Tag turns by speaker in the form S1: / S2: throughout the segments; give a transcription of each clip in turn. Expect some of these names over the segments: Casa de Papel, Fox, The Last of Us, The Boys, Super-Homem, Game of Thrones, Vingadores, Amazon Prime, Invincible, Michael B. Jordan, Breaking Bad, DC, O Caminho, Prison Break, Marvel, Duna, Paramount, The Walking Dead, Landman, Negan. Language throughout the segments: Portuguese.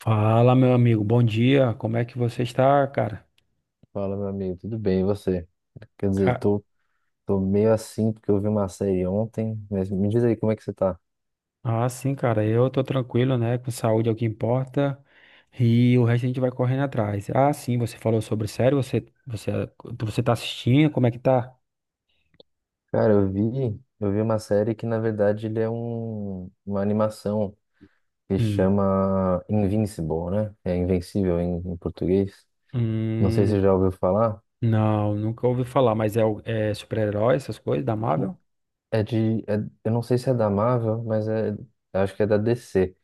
S1: Fala, meu amigo, bom dia. Como é que você está, cara?
S2: Fala, meu amigo, tudo bem? E você? Quer dizer,
S1: Ca-
S2: tô, tô meio assim porque eu vi uma série ontem, mas me diz aí como é que você tá?
S1: Ah, sim, cara, eu tô tranquilo, né? Com saúde é o que importa. E o resto a gente vai correndo atrás. Ah, sim, você falou sobre série, você tá assistindo, como é que tá?
S2: Cara, eu vi uma série que na verdade ele é um, uma animação que
S1: Hum.
S2: chama Invincible, né? É Invencível em português. Não sei se
S1: Hum,
S2: você já ouviu falar.
S1: não, nunca ouvi falar, mas é super-herói, essas coisas da Marvel?
S2: É de. é- eu não sei se é da Marvel, mas é, eu acho que é da DC.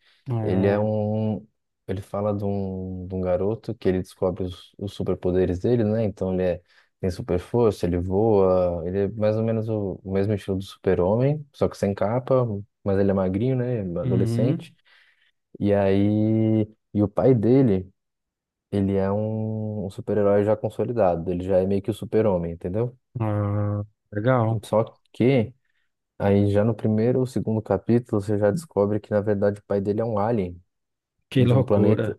S2: Ele é
S1: Ah,
S2: um. Ele fala de um garoto que ele descobre os superpoderes dele, né? Então ele é, tem super força, ele voa, ele é mais ou menos o mesmo estilo do super-homem, só que sem capa, mas ele é magrinho, né?
S1: uhum.
S2: Adolescente. E aí. E o pai dele, ele é um super-herói já consolidado, ele já é meio que o super-homem, entendeu?
S1: Ah, legal.
S2: Só que. Aí já no primeiro ou segundo capítulo você já descobre que na verdade o pai dele é um alien
S1: Que
S2: de um
S1: loucura.
S2: planeta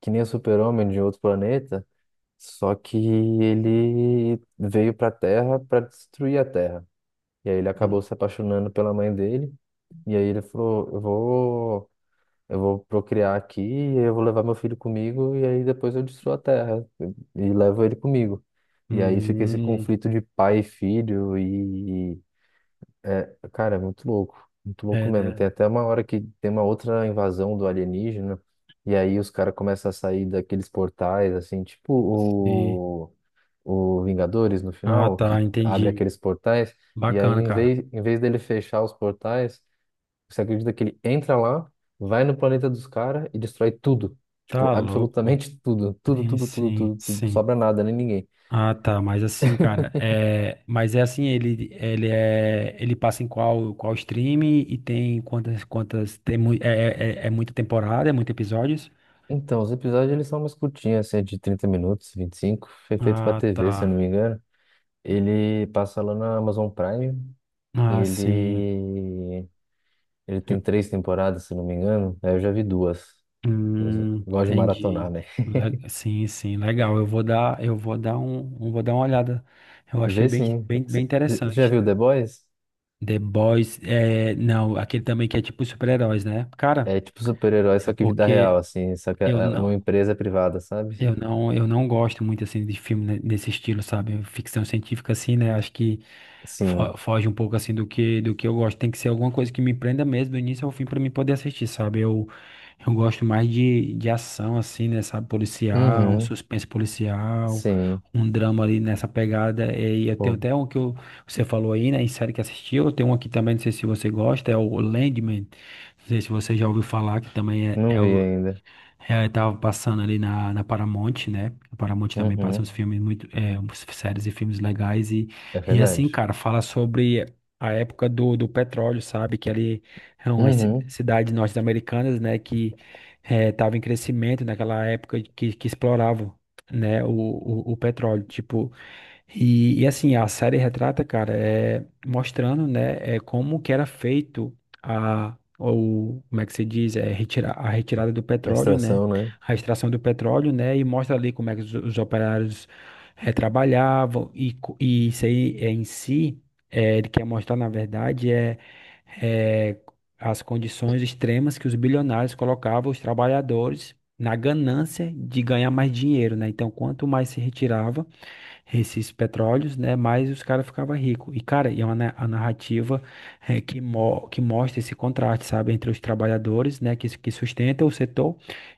S2: que nem o Super-Homem de outro planeta, só que ele veio para a Terra para destruir a Terra. E aí ele
S1: Hum,
S2: acabou se apaixonando pela mãe dele e aí ele falou: "Eu vou procriar aqui, e eu vou levar meu filho comigo e aí depois eu destruo a Terra e levo ele comigo". E aí fica esse
S1: hum,
S2: conflito de pai e filho e é, cara, é muito louco. Muito louco
S1: é,
S2: mesmo.
S1: né?
S2: Tem até uma hora que tem uma outra invasão do alienígena, e aí os caras começam a sair daqueles portais, assim, tipo
S1: Sim.
S2: o, o Vingadores no
S1: Ah,
S2: final,
S1: tá,
S2: que abre
S1: entendi.
S2: aqueles portais, e aí
S1: Bacana,
S2: em
S1: cara.
S2: vez, em vez dele fechar os portais, você acredita que ele entra lá, vai no planeta dos caras e destrói tudo. Tipo,
S1: Tá louco.
S2: absolutamente tudo. Tudo,
S1: Sim,
S2: tudo, tudo,
S1: sim,
S2: tudo, tudo. Não
S1: sim.
S2: sobra nada, nem ninguém.
S1: Ah, tá, mas assim, cara, mas é assim, ele passa em qual stream e tem quantas quantas tem muita temporada, é muitos episódios?
S2: Então, os episódios eles são umas curtinhas, assim, de 30 minutos, 25 foi feito pra
S1: Ah,
S2: TV, se eu não
S1: tá.
S2: me engano. Ele passa lá na Amazon Prime. e
S1: Ah, sim.
S2: Ele, ele tem três temporadas, se não me engano. Aí eu já vi duas. Eu gosto de maratonar,
S1: Entendi.
S2: né?
S1: Sim, sim, legal. Eu vou dar uma olhada. Eu achei
S2: Vê
S1: bem,
S2: sim.
S1: bem, bem
S2: Você já
S1: interessante.
S2: viu The Boys?
S1: The Boys, não, aquele também que é tipo super-heróis, né? Cara.
S2: É tipo super-herói,
S1: É
S2: só que vida real,
S1: porque
S2: assim. Só que é
S1: eu
S2: é uma
S1: não,
S2: empresa privada, sabe?
S1: eu não gosto muito assim de filme nesse estilo, sabe? Ficção científica assim, né? Acho que
S2: Sim.
S1: foge um pouco assim do que eu gosto. Tem que ser alguma coisa que me prenda mesmo do início ao fim para mim poder assistir, sabe? Eu gosto mais de ação assim, né, sabe? Policial, um
S2: Uhum.
S1: suspense policial,
S2: Sim.
S1: um drama ali nessa pegada. E eu tenho
S2: Pô,
S1: até um que você falou aí, né, em série que assistiu. Eu tenho um aqui também, não sei se você gosta, é o Landman. Não sei se você já ouviu falar, que também
S2: não vi ainda.
S1: eu tava passando ali na Paramount, né? A Paramount também passa
S2: Uhum.
S1: uns filmes muito, umas séries e filmes legais e,
S2: É
S1: e
S2: verdade.
S1: assim, cara, fala sobre a época do petróleo, sabe? Que ali é umas
S2: Uhum.
S1: cidades norte-americanas, né? Que tava em crescimento naquela época que exploravam, né? O petróleo, tipo assim, a série retrata, cara, é mostrando, né, é como que era feito a ou como é que se diz, a retirada do
S2: A
S1: petróleo, né,
S2: extração, né?
S1: a extração do petróleo, né, e mostra ali como é que os operários trabalhavam e isso aí é, em si, ele quer mostrar, na verdade, é as condições extremas que os bilionários colocavam os trabalhadores na ganância de ganhar mais dinheiro, né? Então, quanto mais se retirava esses petróleos, né? Mais os caras ficavam ricos. E, cara, é uma a narrativa que mostra esse contraste, sabe? Entre os trabalhadores, né? Que sustentam o setor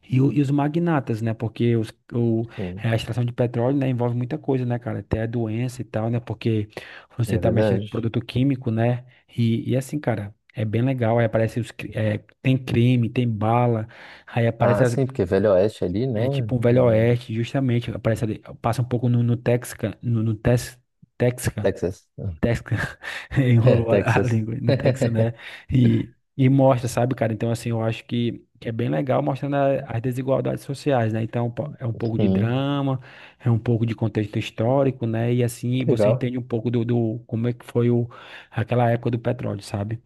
S1: e os magnatas, né? Porque
S2: Sim.
S1: a extração de petróleo, né? Envolve muita coisa, né, cara? Até doença e tal, né? Porque você
S2: É
S1: tá mexendo com
S2: verdade.
S1: produto químico, né? E assim, cara. É bem legal, aí aparece tem crime, tem bala. aí aparece
S2: Ah,
S1: as,
S2: sim, porque Velho Oeste é ali, né?
S1: é tipo um Velho
S2: Hum,
S1: Oeste, justamente. Aparece ali, passa um pouco no Texca, no, no Tex, Texca,
S2: Texas.
S1: Texca,
S2: É,
S1: enrolou a
S2: Texas.
S1: língua no Texas, né? E mostra, sabe, cara? Então, assim, eu acho que é bem legal mostrando as desigualdades sociais, né? Então, é um pouco de
S2: Sim.
S1: drama, é um pouco de contexto histórico, né? E assim,
S2: Que
S1: você
S2: legal.
S1: entende um pouco do como é que foi aquela época do petróleo, sabe?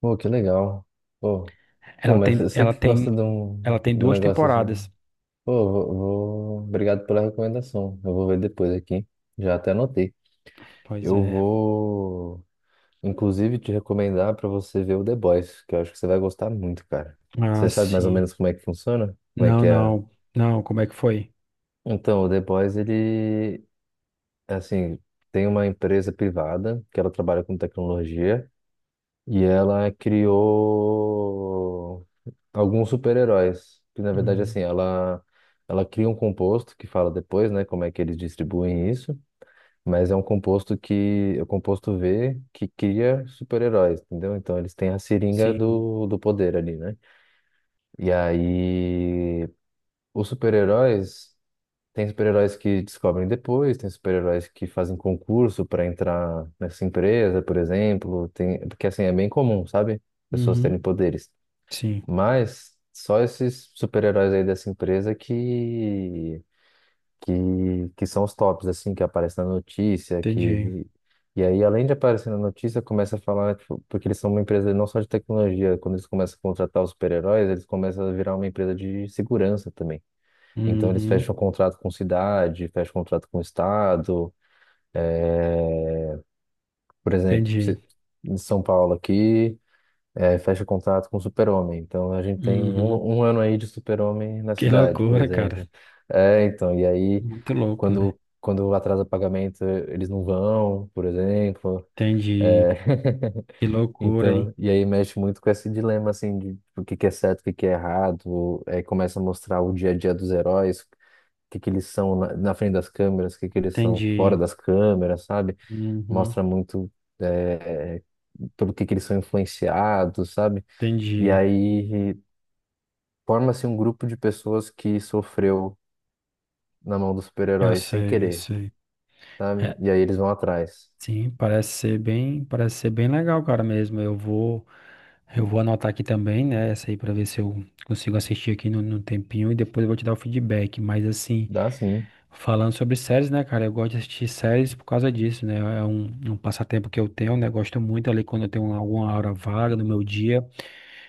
S2: Pô, que legal. Pô, pô,
S1: Ela
S2: mas
S1: tem,
S2: você
S1: ela
S2: que
S1: tem,
S2: gosta de
S1: ela tem
S2: de um
S1: duas
S2: negócio assim.
S1: temporadas.
S2: Pô, Obrigado pela recomendação. Eu vou ver depois aqui. Já até anotei.
S1: Pois
S2: Eu
S1: é.
S2: vou, inclusive, te recomendar para você ver o The Boys, que eu acho que você vai gostar muito, cara.
S1: Ah,
S2: Você sabe mais ou
S1: sim.
S2: menos como é que funciona? Como é
S1: Não,
S2: que é?
S1: não, não, como é que foi?
S2: Então, o The Boys, ele, assim, tem uma empresa privada que ela trabalha com tecnologia. E ela criou alguns super-heróis, que na verdade
S1: Hum,
S2: assim, ela cria um composto que fala depois, né, como é que eles distribuem isso, mas é um composto que é o composto V que cria super-heróis, entendeu? Então eles têm a seringa
S1: Sim,
S2: do poder ali, né? E aí os super-heróis Tem super-heróis que descobrem depois, tem super-heróis que fazem concurso para entrar nessa empresa, por exemplo. Tem, porque assim, é bem comum, sabe? Pessoas
S1: uhum,
S2: terem poderes.
S1: sim,
S2: Mas só esses super-heróis aí dessa empresa que, que são os tops, assim, que aparecem na notícia,
S1: entendi,
S2: que... E aí, além de aparecer na notícia, começa a falar, tipo, porque eles são uma empresa não só de tecnologia, quando eles começam a contratar os super-heróis, eles começam a virar uma empresa de segurança também. Então, eles
S1: uhum,
S2: fecham um contrato com cidade, fecham um contrato com estado, por exemplo,
S1: entendi,
S2: em São Paulo aqui. É, fecha contrato com o Super-Homem. Então a gente tem
S1: uhum.
S2: um ano aí de Super-Homem na
S1: Que
S2: cidade, por
S1: loucura, cara,
S2: exemplo. É, então, e aí
S1: muito louco, né?
S2: quando atrasa pagamento, eles não vão, por exemplo.
S1: Entendi,
S2: É,
S1: que loucura, hein?
S2: então, e aí mexe muito com esse dilema assim de o que que é certo, o que que é errado, aí começa a mostrar o dia a dia dos heróis, o que que eles são na frente das câmeras, o que que eles são fora
S1: Entendi,
S2: das câmeras, sabe?
S1: uhum,
S2: Mostra muito é, pelo que eles são influenciados, sabe? E
S1: entendi,
S2: aí forma-se um grupo de pessoas que sofreu na mão dos
S1: eu
S2: super-heróis sem
S1: sei, eu
S2: querer,
S1: sei.
S2: sabe?
S1: É,
S2: E aí eles vão atrás.
S1: sim, parece ser bem legal, cara, mesmo, eu vou anotar aqui também, né, essa aí pra ver se eu consigo assistir aqui no tempinho e depois eu vou te dar o feedback, mas assim...
S2: Dá sim.
S1: Falando sobre séries, né, cara? Eu gosto de assistir séries por causa disso, né? É um passatempo que eu tenho, né? Gosto muito ali quando eu tenho alguma hora vaga no meu dia,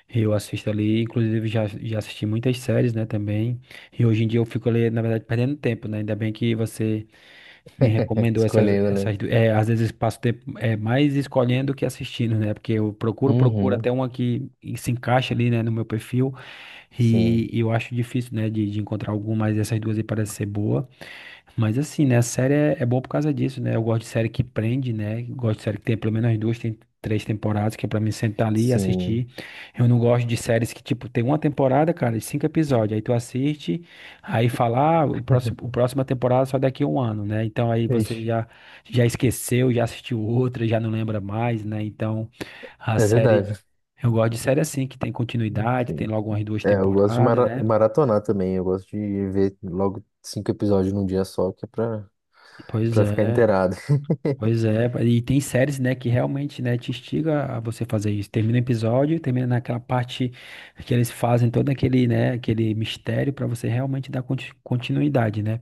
S1: eu assisto ali. Inclusive, já assisti muitas séries, né, também. E hoje em dia eu fico ali, na verdade, perdendo tempo, né? Ainda bem que você me recomendou
S2: Escolhendo, né?
S1: às vezes passo tempo é, mais escolhendo que assistindo, né? Porque eu procuro
S2: Uhum.
S1: até uma que se encaixa ali, né, no meu perfil.
S2: Sim.
S1: E eu acho difícil, né, de encontrar alguma, mas essas duas aí parecem ser boa. Mas assim, né, a série é boa por causa disso, né? Eu gosto de série que prende, né? Gosto de série que tem pelo menos duas, tem três temporadas, que é pra mim sentar ali e
S2: Sim.
S1: assistir. Eu não gosto de séries que, tipo, tem uma temporada, cara, de cinco episódios. Aí tu assiste, aí fala, ah, o próximo, o próxima temporada só daqui a um ano, né? Então aí
S2: Ixi.
S1: você já, já, esqueceu, já assistiu outra, já não lembra mais, né? Então a
S2: É
S1: série.
S2: verdade.
S1: Eu gosto de série assim, que tem continuidade, tem
S2: Sim,
S1: logo umas duas
S2: É, eu gosto de
S1: temporadas,
S2: mara-
S1: né?
S2: maratonar também. Eu gosto de ver logo cinco episódios num dia só, que é pra,
S1: Pois
S2: pra ficar
S1: é.
S2: inteirado.
S1: Pois é, e tem séries, né, que realmente, né, te instiga a você fazer isso. Termina o episódio, termina naquela parte que eles fazem todo aquele, né, aquele mistério pra você realmente dar continuidade, né?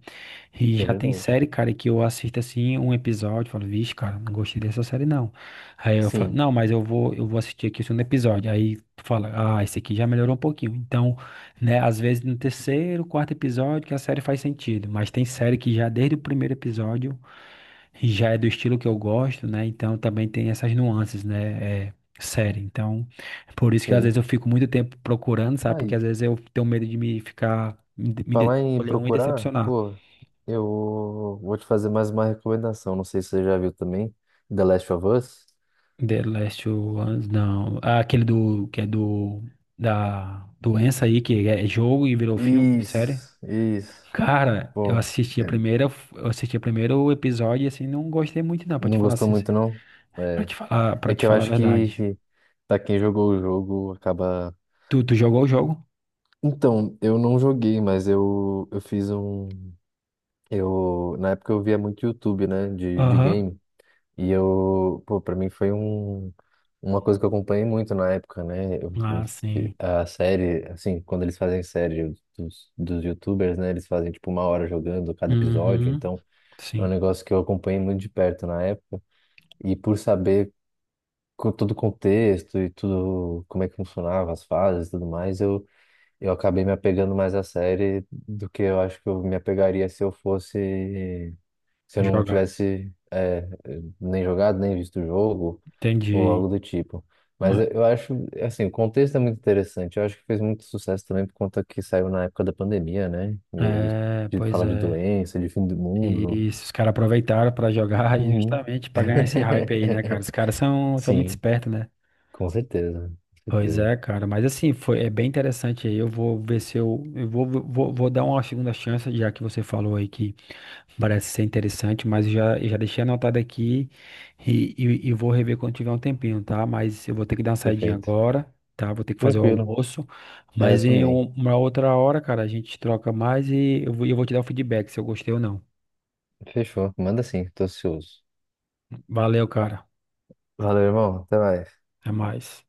S1: E
S2: É
S1: já tem
S2: verdade.
S1: série, cara, que eu assisto assim um episódio, e falo, vixe, cara, não gostei dessa série não. Aí eu falo,
S2: Sim,
S1: não, mas eu vou assistir aqui o segundo episódio. Aí tu fala, ah, esse aqui já melhorou um pouquinho. Então, né, às vezes no terceiro, quarto episódio que a série faz sentido, mas tem série que já desde o primeiro episódio já é do estilo que eu gosto, né? Então também tem essas nuances, né? É, série. Então, é por isso que às vezes
S2: sim.
S1: eu fico muito tempo procurando, sabe? Porque
S2: Aí.
S1: às vezes eu tenho medo de me ficar, me de-
S2: Falar em
S1: escolher um e
S2: procurar,
S1: decepcionar.
S2: pô, eu vou te fazer mais uma recomendação. Não sei se você já viu também, The Last of Us.
S1: The Last of Us, não. Ah, aquele do, que é do, da doença aí, que é jogo e virou filme, série.
S2: Isso, isso.
S1: Cara, eu
S2: Pô,
S1: assisti a
S2: é,
S1: primeira, eu assisti a primeiro episódio e assim, não gostei muito não,
S2: não gostou muito, não? É, é
S1: pra te
S2: que eu
S1: falar a
S2: acho
S1: verdade.
S2: que pra quem jogou o jogo acaba.
S1: Tu jogou o jogo?
S2: Então, eu não joguei, mas eu fiz um. Eu, na época eu via muito YouTube, né, de
S1: Aham.
S2: game. E eu, pô, pra mim foi um, uma coisa que eu acompanhei muito na época, né?
S1: Ah, sim.
S2: A série, assim, quando eles fazem série dos YouTubers, né? Eles fazem tipo uma hora jogando cada episódio,
S1: Uhum,
S2: então é um
S1: sim,
S2: negócio que eu acompanhei muito de perto na época. E por saber todo o contexto e tudo, como é que funcionava as fases e tudo mais, eu acabei me apegando mais à série do que eu acho que eu me apegaria se eu fosse se eu não
S1: jogar.
S2: tivesse nem jogado, nem visto o jogo, ou
S1: Entendi.
S2: algo do tipo. Mas
S1: Hum.
S2: eu acho, assim, o contexto é muito interessante. Eu acho que fez muito sucesso também por conta que saiu na época da pandemia, né? E aí,
S1: É,
S2: de
S1: pois
S2: falar de
S1: é.
S2: doença, de fim do mundo.
S1: E se os caras aproveitaram pra jogar e
S2: Uhum.
S1: justamente pra ganhar esse hype aí, né, cara? Os caras são muito
S2: Sim,
S1: espertos, né?
S2: com certeza, com
S1: Pois
S2: certeza.
S1: é, cara, mas assim, é bem interessante aí. Eu vou ver se eu, eu vou dar uma segunda chance, já que você falou aí que parece ser interessante, mas eu já deixei anotado aqui e vou rever quando tiver um tempinho, tá? Mas eu vou ter que dar uma saidinha
S2: Perfeito.
S1: agora, tá? Vou ter que fazer o
S2: Tranquilo.
S1: almoço,
S2: É, eu
S1: mas em
S2: também.
S1: uma outra hora, cara, a gente troca mais e eu vou te dar o feedback se eu gostei ou não.
S2: Fechou. Manda sim, tô ansioso.
S1: Valeu, cara,
S2: Valeu, irmão. Até mais.
S1: até mais.